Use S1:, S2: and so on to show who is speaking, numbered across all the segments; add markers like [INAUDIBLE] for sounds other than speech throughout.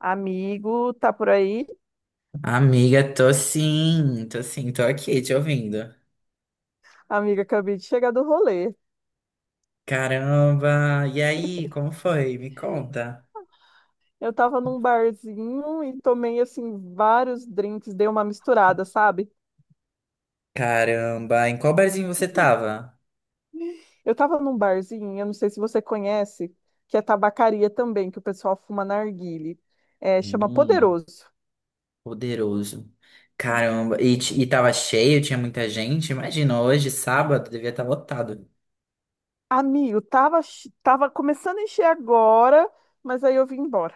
S1: Amigo, tá por aí?
S2: Amiga, tô sim, tô sim, tô aqui te ouvindo.
S1: Amiga, acabei de chegar do rolê.
S2: Caramba, e aí, como foi? Me conta.
S1: Eu tava num barzinho e tomei, assim, vários drinks, dei uma misturada, sabe?
S2: Caramba, em qual barzinho você tava?
S1: Eu tava num barzinho, eu não sei se você conhece, que é tabacaria também, que o pessoal fuma narguile. É, chama
S2: Hum,
S1: Poderoso.
S2: poderoso. Caramba, e tava cheio, tinha muita gente? Imagina, hoje, sábado, devia estar lotado.
S1: Amigo, tava começando a encher agora, mas aí eu vim embora.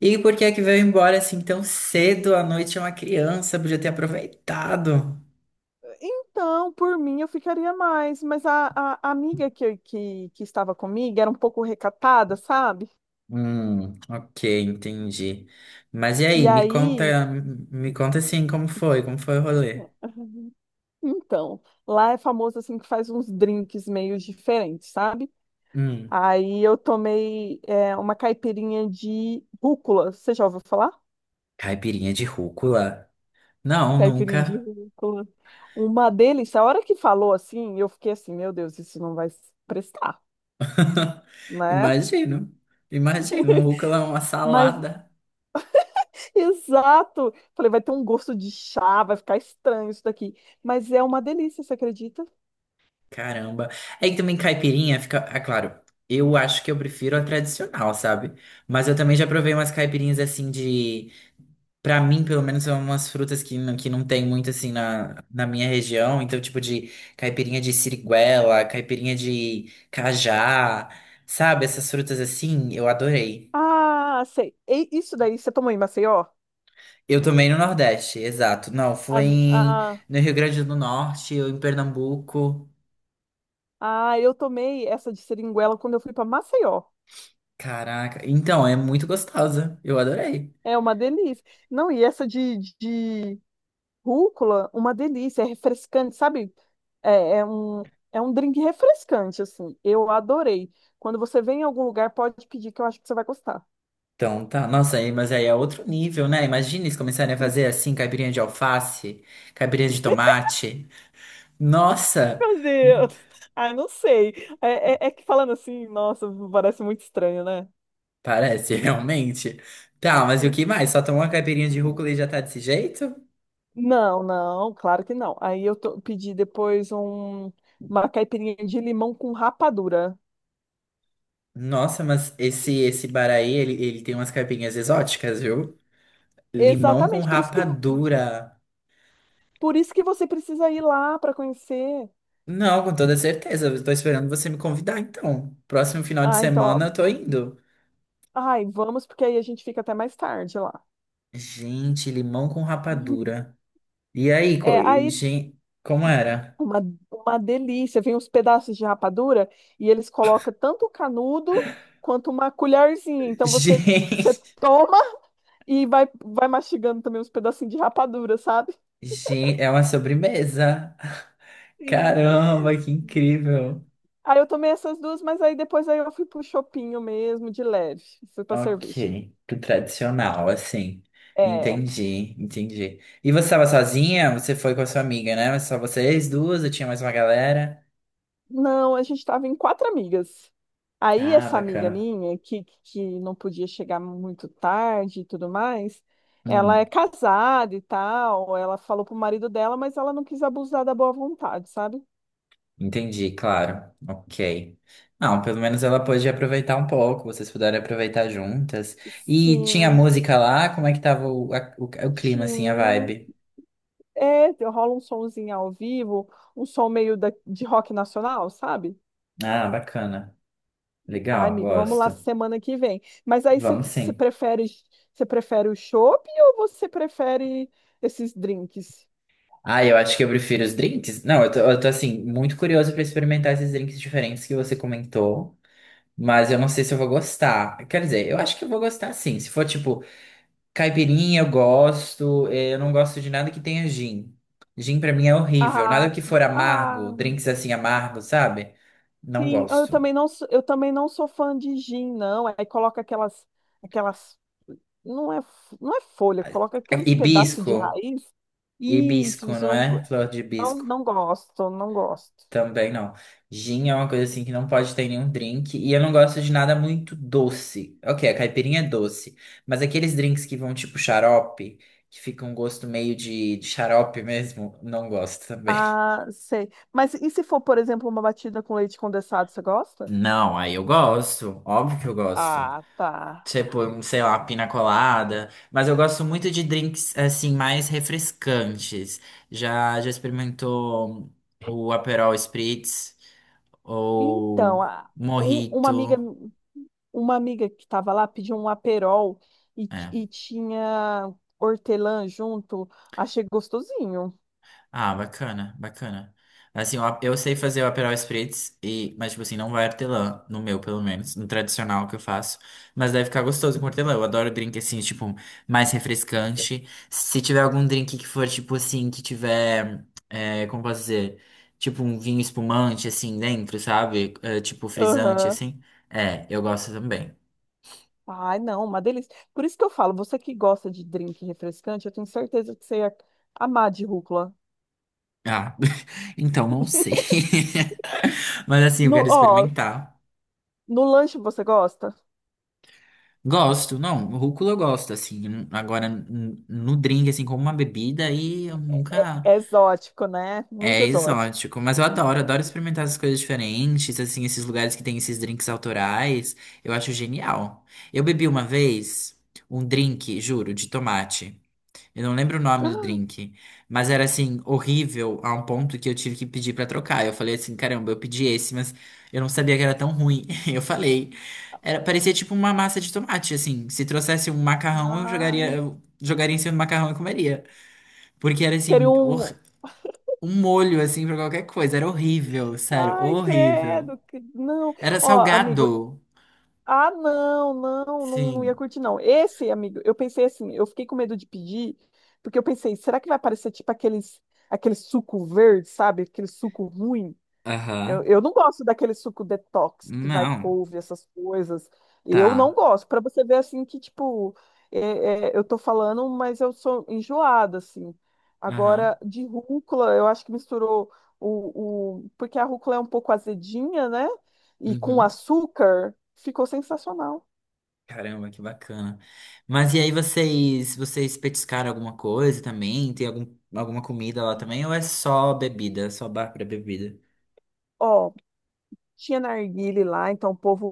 S2: E por que é que veio embora assim tão cedo? À noite é uma criança, podia ter aproveitado.
S1: Então, por mim, eu ficaria mais, mas a amiga que estava comigo era um pouco recatada, sabe?
S2: Ok, entendi. Mas e aí,
S1: E aí.
S2: me conta assim como foi, o rolê?
S1: Então, lá é famoso assim que faz uns drinks meio diferentes, sabe?
S2: Hum,
S1: Aí eu tomei uma caipirinha de rúcula. Você já ouviu falar?
S2: caipirinha de rúcula? Não,
S1: Caipirinha de
S2: nunca.
S1: rúcula. Uma delícia. A hora que falou assim, eu fiquei assim, meu Deus, isso não vai prestar,
S2: [LAUGHS]
S1: né?
S2: Imagino. Imagino, um rúcula é uma
S1: Mas, [LAUGHS]
S2: salada.
S1: exato. Falei, vai ter um gosto de chá, vai ficar estranho isso daqui. Mas é uma delícia, você acredita?
S2: Caramba. Aí também caipirinha fica. Ah, claro, eu acho que eu prefiro a tradicional, sabe? Mas eu também já provei umas caipirinhas assim de. Pra mim, pelo menos, são umas frutas que não, tem muito assim na, minha região. Então, tipo de caipirinha de siriguela, caipirinha de cajá, sabe? Essas frutas assim, eu adorei.
S1: Ah, sei. E isso daí você tomou em Maceió?
S2: Eu também no Nordeste, exato. Não, foi
S1: Ah.
S2: no Rio Grande do Norte ou em Pernambuco.
S1: Ah, eu tomei essa de seringuela quando eu fui para Maceió.
S2: Caraca. Então, é muito gostosa. Eu adorei.
S1: É uma delícia. Não, e essa de rúcula, uma delícia, é refrescante, sabe? É, é um, é um drink refrescante, assim. Eu adorei. Quando você vem em algum lugar, pode pedir, que eu acho que você vai gostar.
S2: Então, tá. Nossa, aí, mas aí é outro nível, né? Imagina eles começarem a fazer assim, caipirinha de alface, caipirinha de tomate. Nossa,
S1: Meu Deus! Ah, não sei. É que falando assim, nossa, parece muito estranho, né?
S2: parece [LAUGHS] realmente. Tá, mas e o que mais? Só tomar uma caipirinha de rúcula e já tá desse jeito?
S1: Não, não, claro que não. Aí eu pedi depois uma caipirinha de limão com rapadura.
S2: Nossa, mas esse bar aí, ele tem umas caipirinhas exóticas, viu? Limão com
S1: Exatamente, por isso que,
S2: rapadura.
S1: por isso que você precisa ir lá para conhecer.
S2: Não, com toda certeza. Eu tô esperando você me convidar, então. Próximo final de
S1: Ah, então,
S2: semana
S1: ó,
S2: eu tô indo.
S1: ai, vamos, porque aí a gente fica até mais tarde lá.
S2: Gente, limão com
S1: Uhum.
S2: rapadura. E aí,
S1: É, aí
S2: gente, como era?
S1: uma, uma delícia, vem uns pedaços de rapadura e eles colocam tanto o canudo quanto uma colherzinha. Então
S2: [LAUGHS]
S1: você
S2: Gente,
S1: toma e vai mastigando também uns pedacinhos de rapadura, sabe?
S2: gente, é uma sobremesa.
S1: Sim.
S2: Caramba, que incrível.
S1: Aí eu tomei essas duas, mas aí depois aí eu fui pro chopinho mesmo, de leve, fui pra cerveja.
S2: Ok, que tradicional, assim.
S1: É.
S2: Entendi, entendi. E você estava sozinha? Você foi com a sua amiga, né? Só vocês duas? Ou tinha mais uma galera?
S1: Não, a gente estava em quatro amigas. Aí
S2: Ah,
S1: essa amiga
S2: bacana.
S1: minha, que não podia chegar muito tarde e tudo mais, ela
S2: Hum.
S1: é casada e tal, ela falou pro marido dela, mas ela não quis abusar da boa vontade, sabe?
S2: Entendi, claro. Ok. Não, pelo menos ela pôde aproveitar um pouco, vocês puderam aproveitar juntas. E tinha
S1: Sim,
S2: música lá, como é que tava o clima, assim, a
S1: sim.
S2: vibe?
S1: É, rola um somzinho ao vivo, um som meio de rock nacional, sabe?
S2: Ah, bacana.
S1: Ai,
S2: Legal,
S1: amigo, vamos lá
S2: gosto.
S1: semana que vem. Mas aí você
S2: Vamos
S1: você
S2: sim.
S1: prefere o chopp ou você prefere esses drinks?
S2: Ah, eu acho que eu prefiro os drinks. Não, eu tô assim, muito curioso pra experimentar esses drinks diferentes que você comentou, mas eu não sei se eu vou gostar. Quer dizer, eu acho que eu vou gostar sim. Se for tipo caipirinha eu gosto, eu não gosto de nada que tenha gin. Gin pra mim é horrível, nada
S1: Ah,
S2: que
S1: tá.
S2: for amargo,
S1: Ah,
S2: drinks assim amargos, sabe? Não
S1: sim. Ah, eu
S2: gosto.
S1: também não, sou fã de gin, não. Aí coloca aquelas, não é, não é folha, coloca aqueles pedaços de
S2: Hibisco,
S1: raiz. Isso,
S2: hibisco,
S1: isso eu
S2: não
S1: não,
S2: é? Flor de
S1: não,
S2: hibisco,
S1: não gosto, não gosto.
S2: também não. Gin é uma coisa assim que não pode ter em nenhum drink, e eu não gosto de nada muito doce. Ok, a caipirinha é doce, mas aqueles drinks que vão tipo xarope, que fica um gosto meio de xarope mesmo, não gosto também.
S1: Ah, sei. Mas e se for, por exemplo, uma batida com leite condensado, você gosta?
S2: Não, aí eu gosto, óbvio que eu gosto.
S1: Ah, tá.
S2: Tipo, sei lá, pina colada. Mas eu gosto muito de drinks, assim, mais refrescantes. Já, já experimentou o Aperol Spritz
S1: Então,
S2: ou
S1: um- uma amiga,
S2: Mojito?
S1: uma amiga que estava lá pediu um aperol e, ti-
S2: É.
S1: e tinha hortelã junto. Achei gostosinho.
S2: Ah, bacana, bacana. Assim, eu sei fazer o Aperol Spritz, e, mas, tipo assim, não vai hortelã, no meu, pelo menos, no tradicional que eu faço. Mas deve ficar gostoso com hortelã. Eu adoro drink, assim, tipo, mais refrescante. Se tiver algum drink que for, tipo assim, que tiver, é, como posso dizer, tipo um vinho espumante, assim, dentro, sabe? É, tipo frisante,
S1: Aham.
S2: assim. É, eu gosto também.
S1: Ai, não, uma delícia. Por isso que eu falo, você que gosta de drink refrescante, eu tenho certeza que você ia amar de rúcula.
S2: Ah, [LAUGHS] então não sei. [LAUGHS] Mas, assim, eu
S1: No,
S2: quero
S1: ó,
S2: experimentar.
S1: no lanche você gosta?
S2: Gosto, não, rúcula eu gosto, assim, agora no drink, assim, como uma bebida, aí eu
S1: É,
S2: nunca...
S1: é exótico, né?
S2: É
S1: Muito exótico.
S2: exótico, mas eu adoro, adoro experimentar essas coisas diferentes, assim, esses lugares que tem esses drinks autorais, eu acho genial. Eu bebi uma vez um drink, juro, de tomate. Eu não lembro o nome do
S1: [GASPS]
S2: drink, mas era assim, horrível a um ponto que eu tive que pedir pra trocar. Eu falei assim, caramba, eu pedi esse, mas eu não sabia que era tão ruim. [LAUGHS] Eu falei, era, parecia tipo uma massa de tomate, assim. Se trouxesse um macarrão,
S1: Ai,
S2: eu jogaria em cima do macarrão e comeria. Porque era
S1: queria
S2: assim,
S1: um.
S2: um molho assim pra qualquer coisa, era horrível, sério,
S1: Ai,
S2: horrível.
S1: credo. Não.
S2: Era
S1: Ó, amigo,
S2: salgado.
S1: ah, não, não, não, não ia
S2: Sim.
S1: curtir, não. Esse, amigo, eu pensei assim, eu fiquei com medo de pedir, porque eu pensei, será que vai parecer tipo aqueles, aquele suco verde, sabe? Aquele suco ruim. Eu,
S2: Aham.
S1: eu não gosto daquele suco detox que vai
S2: Não.
S1: couve, essas coisas.
S2: Tá.
S1: Eu não gosto. Para você ver assim que, tipo, eu tô falando, mas eu sou enjoada, assim.
S2: Aham.
S1: Agora, de rúcula, eu acho que misturou Porque a rúcula é um pouco azedinha, né? E com
S2: Uhum.
S1: açúcar, ficou sensacional.
S2: Caramba, que bacana. Mas e aí vocês petiscaram alguma coisa também? Tem algum, alguma comida lá também? Ou é só bebida, é só bar para bebida?
S1: Ó, tinha narguile lá, então o povo,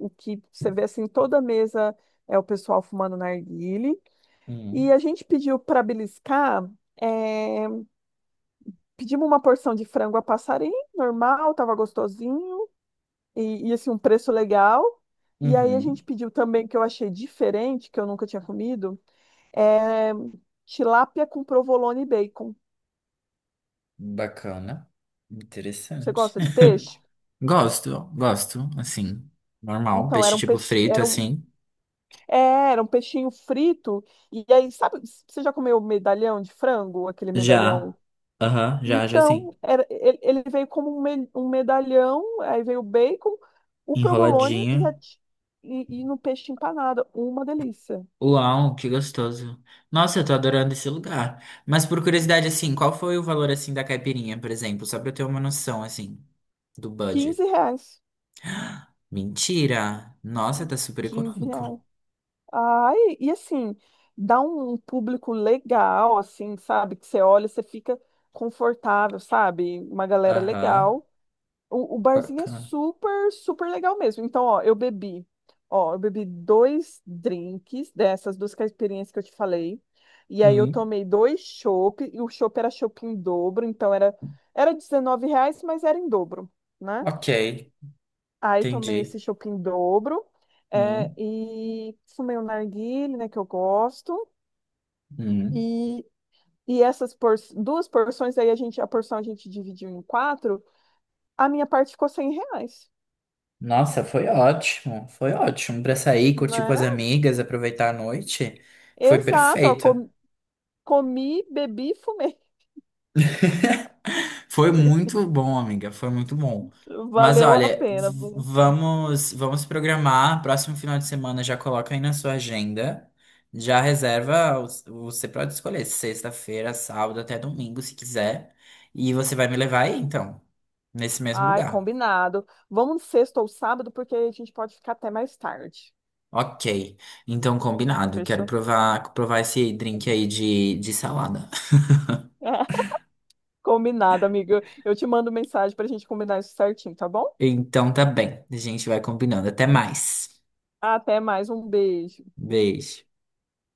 S1: o que você vê assim, toda mesa é o pessoal fumando narguile. E
S2: Hum,
S1: a gente pediu para beliscar. é, Pedimos uma porção de frango a passarim, normal, tava gostosinho, e assim, um preço legal. E aí a
S2: uhum,
S1: gente pediu também, que eu achei diferente, que eu nunca tinha comido, é tilápia com provolone e bacon.
S2: bacana.
S1: Você
S2: Interessante.
S1: gosta de
S2: [LAUGHS]
S1: peixe?
S2: Gosto, gosto, assim, normal.
S1: Então, era
S2: Peixe
S1: um
S2: tipo
S1: peixe,
S2: frito,
S1: era um,
S2: assim.
S1: é, era um peixinho frito. E aí, sabe, você já comeu medalhão de frango? Aquele
S2: Já.
S1: medalhão.
S2: Aham, já, já sim.
S1: Então, ele veio como um medalhão, aí veio o bacon, o provolone e, a
S2: Enroladinho.
S1: ti- e, e no peixe empanado. Uma delícia.
S2: Uau, que gostoso. Nossa, eu tô adorando esse lugar. Mas por curiosidade, assim, qual foi o valor, assim, da caipirinha, por exemplo? Só pra eu ter uma noção, assim, do budget.
S1: 15 reais.
S2: Mentira! Nossa, tá super
S1: quinze
S2: econômico.
S1: reais. Ai, e assim, dá um público legal, assim, sabe? Que você olha, você fica confortável, sabe? Uma galera
S2: Aham,
S1: legal. O barzinho é
S2: bacana.
S1: super, super legal mesmo. Então, ó, eu bebi dois drinks dessas duas caipirinhas que eu te falei. E aí eu
S2: Hum,
S1: tomei dois chopp, e o chopp era chopp em dobro, então era 19 reais, mas era em dobro, né?
S2: ok,
S1: Aí tomei esse
S2: entendi.
S1: chopp em dobro,
S2: Hum,
S1: e fumei um narguilé, né, que eu gosto.
S2: hum.
S1: E, e essas duas porções, aí a porção a gente dividiu em quatro, a minha parte ficou 100 reais,
S2: Nossa, foi ótimo. Foi ótimo pra sair, curtir com as
S1: né?
S2: amigas, aproveitar a noite. Foi
S1: Exato, ó,
S2: perfeito.
S1: comi, bebi e fumei.
S2: [LAUGHS] Foi muito bom, amiga, foi muito bom.
S1: [LAUGHS]
S2: Mas
S1: Valeu a
S2: olha,
S1: pena,
S2: v-
S1: viu?
S2: vamos vamos programar, próximo final de semana já coloca aí na sua agenda, já reserva, você pode escolher sexta-feira, sábado até domingo, se quiser, e você vai me levar aí então, nesse mesmo
S1: Ai,
S2: lugar.
S1: combinado. Vamos sexta ou sábado, porque a gente pode ficar até mais tarde.
S2: Ok, então combinado, quero
S1: Fechou?
S2: provar esse drink aí de salada. [LAUGHS]
S1: [LAUGHS] Combinado, amiga. Eu te mando mensagem para a gente combinar isso certinho, tá bom?
S2: Então tá bem, a gente vai combinando, até mais.
S1: Até mais, um beijo.
S2: Beijo.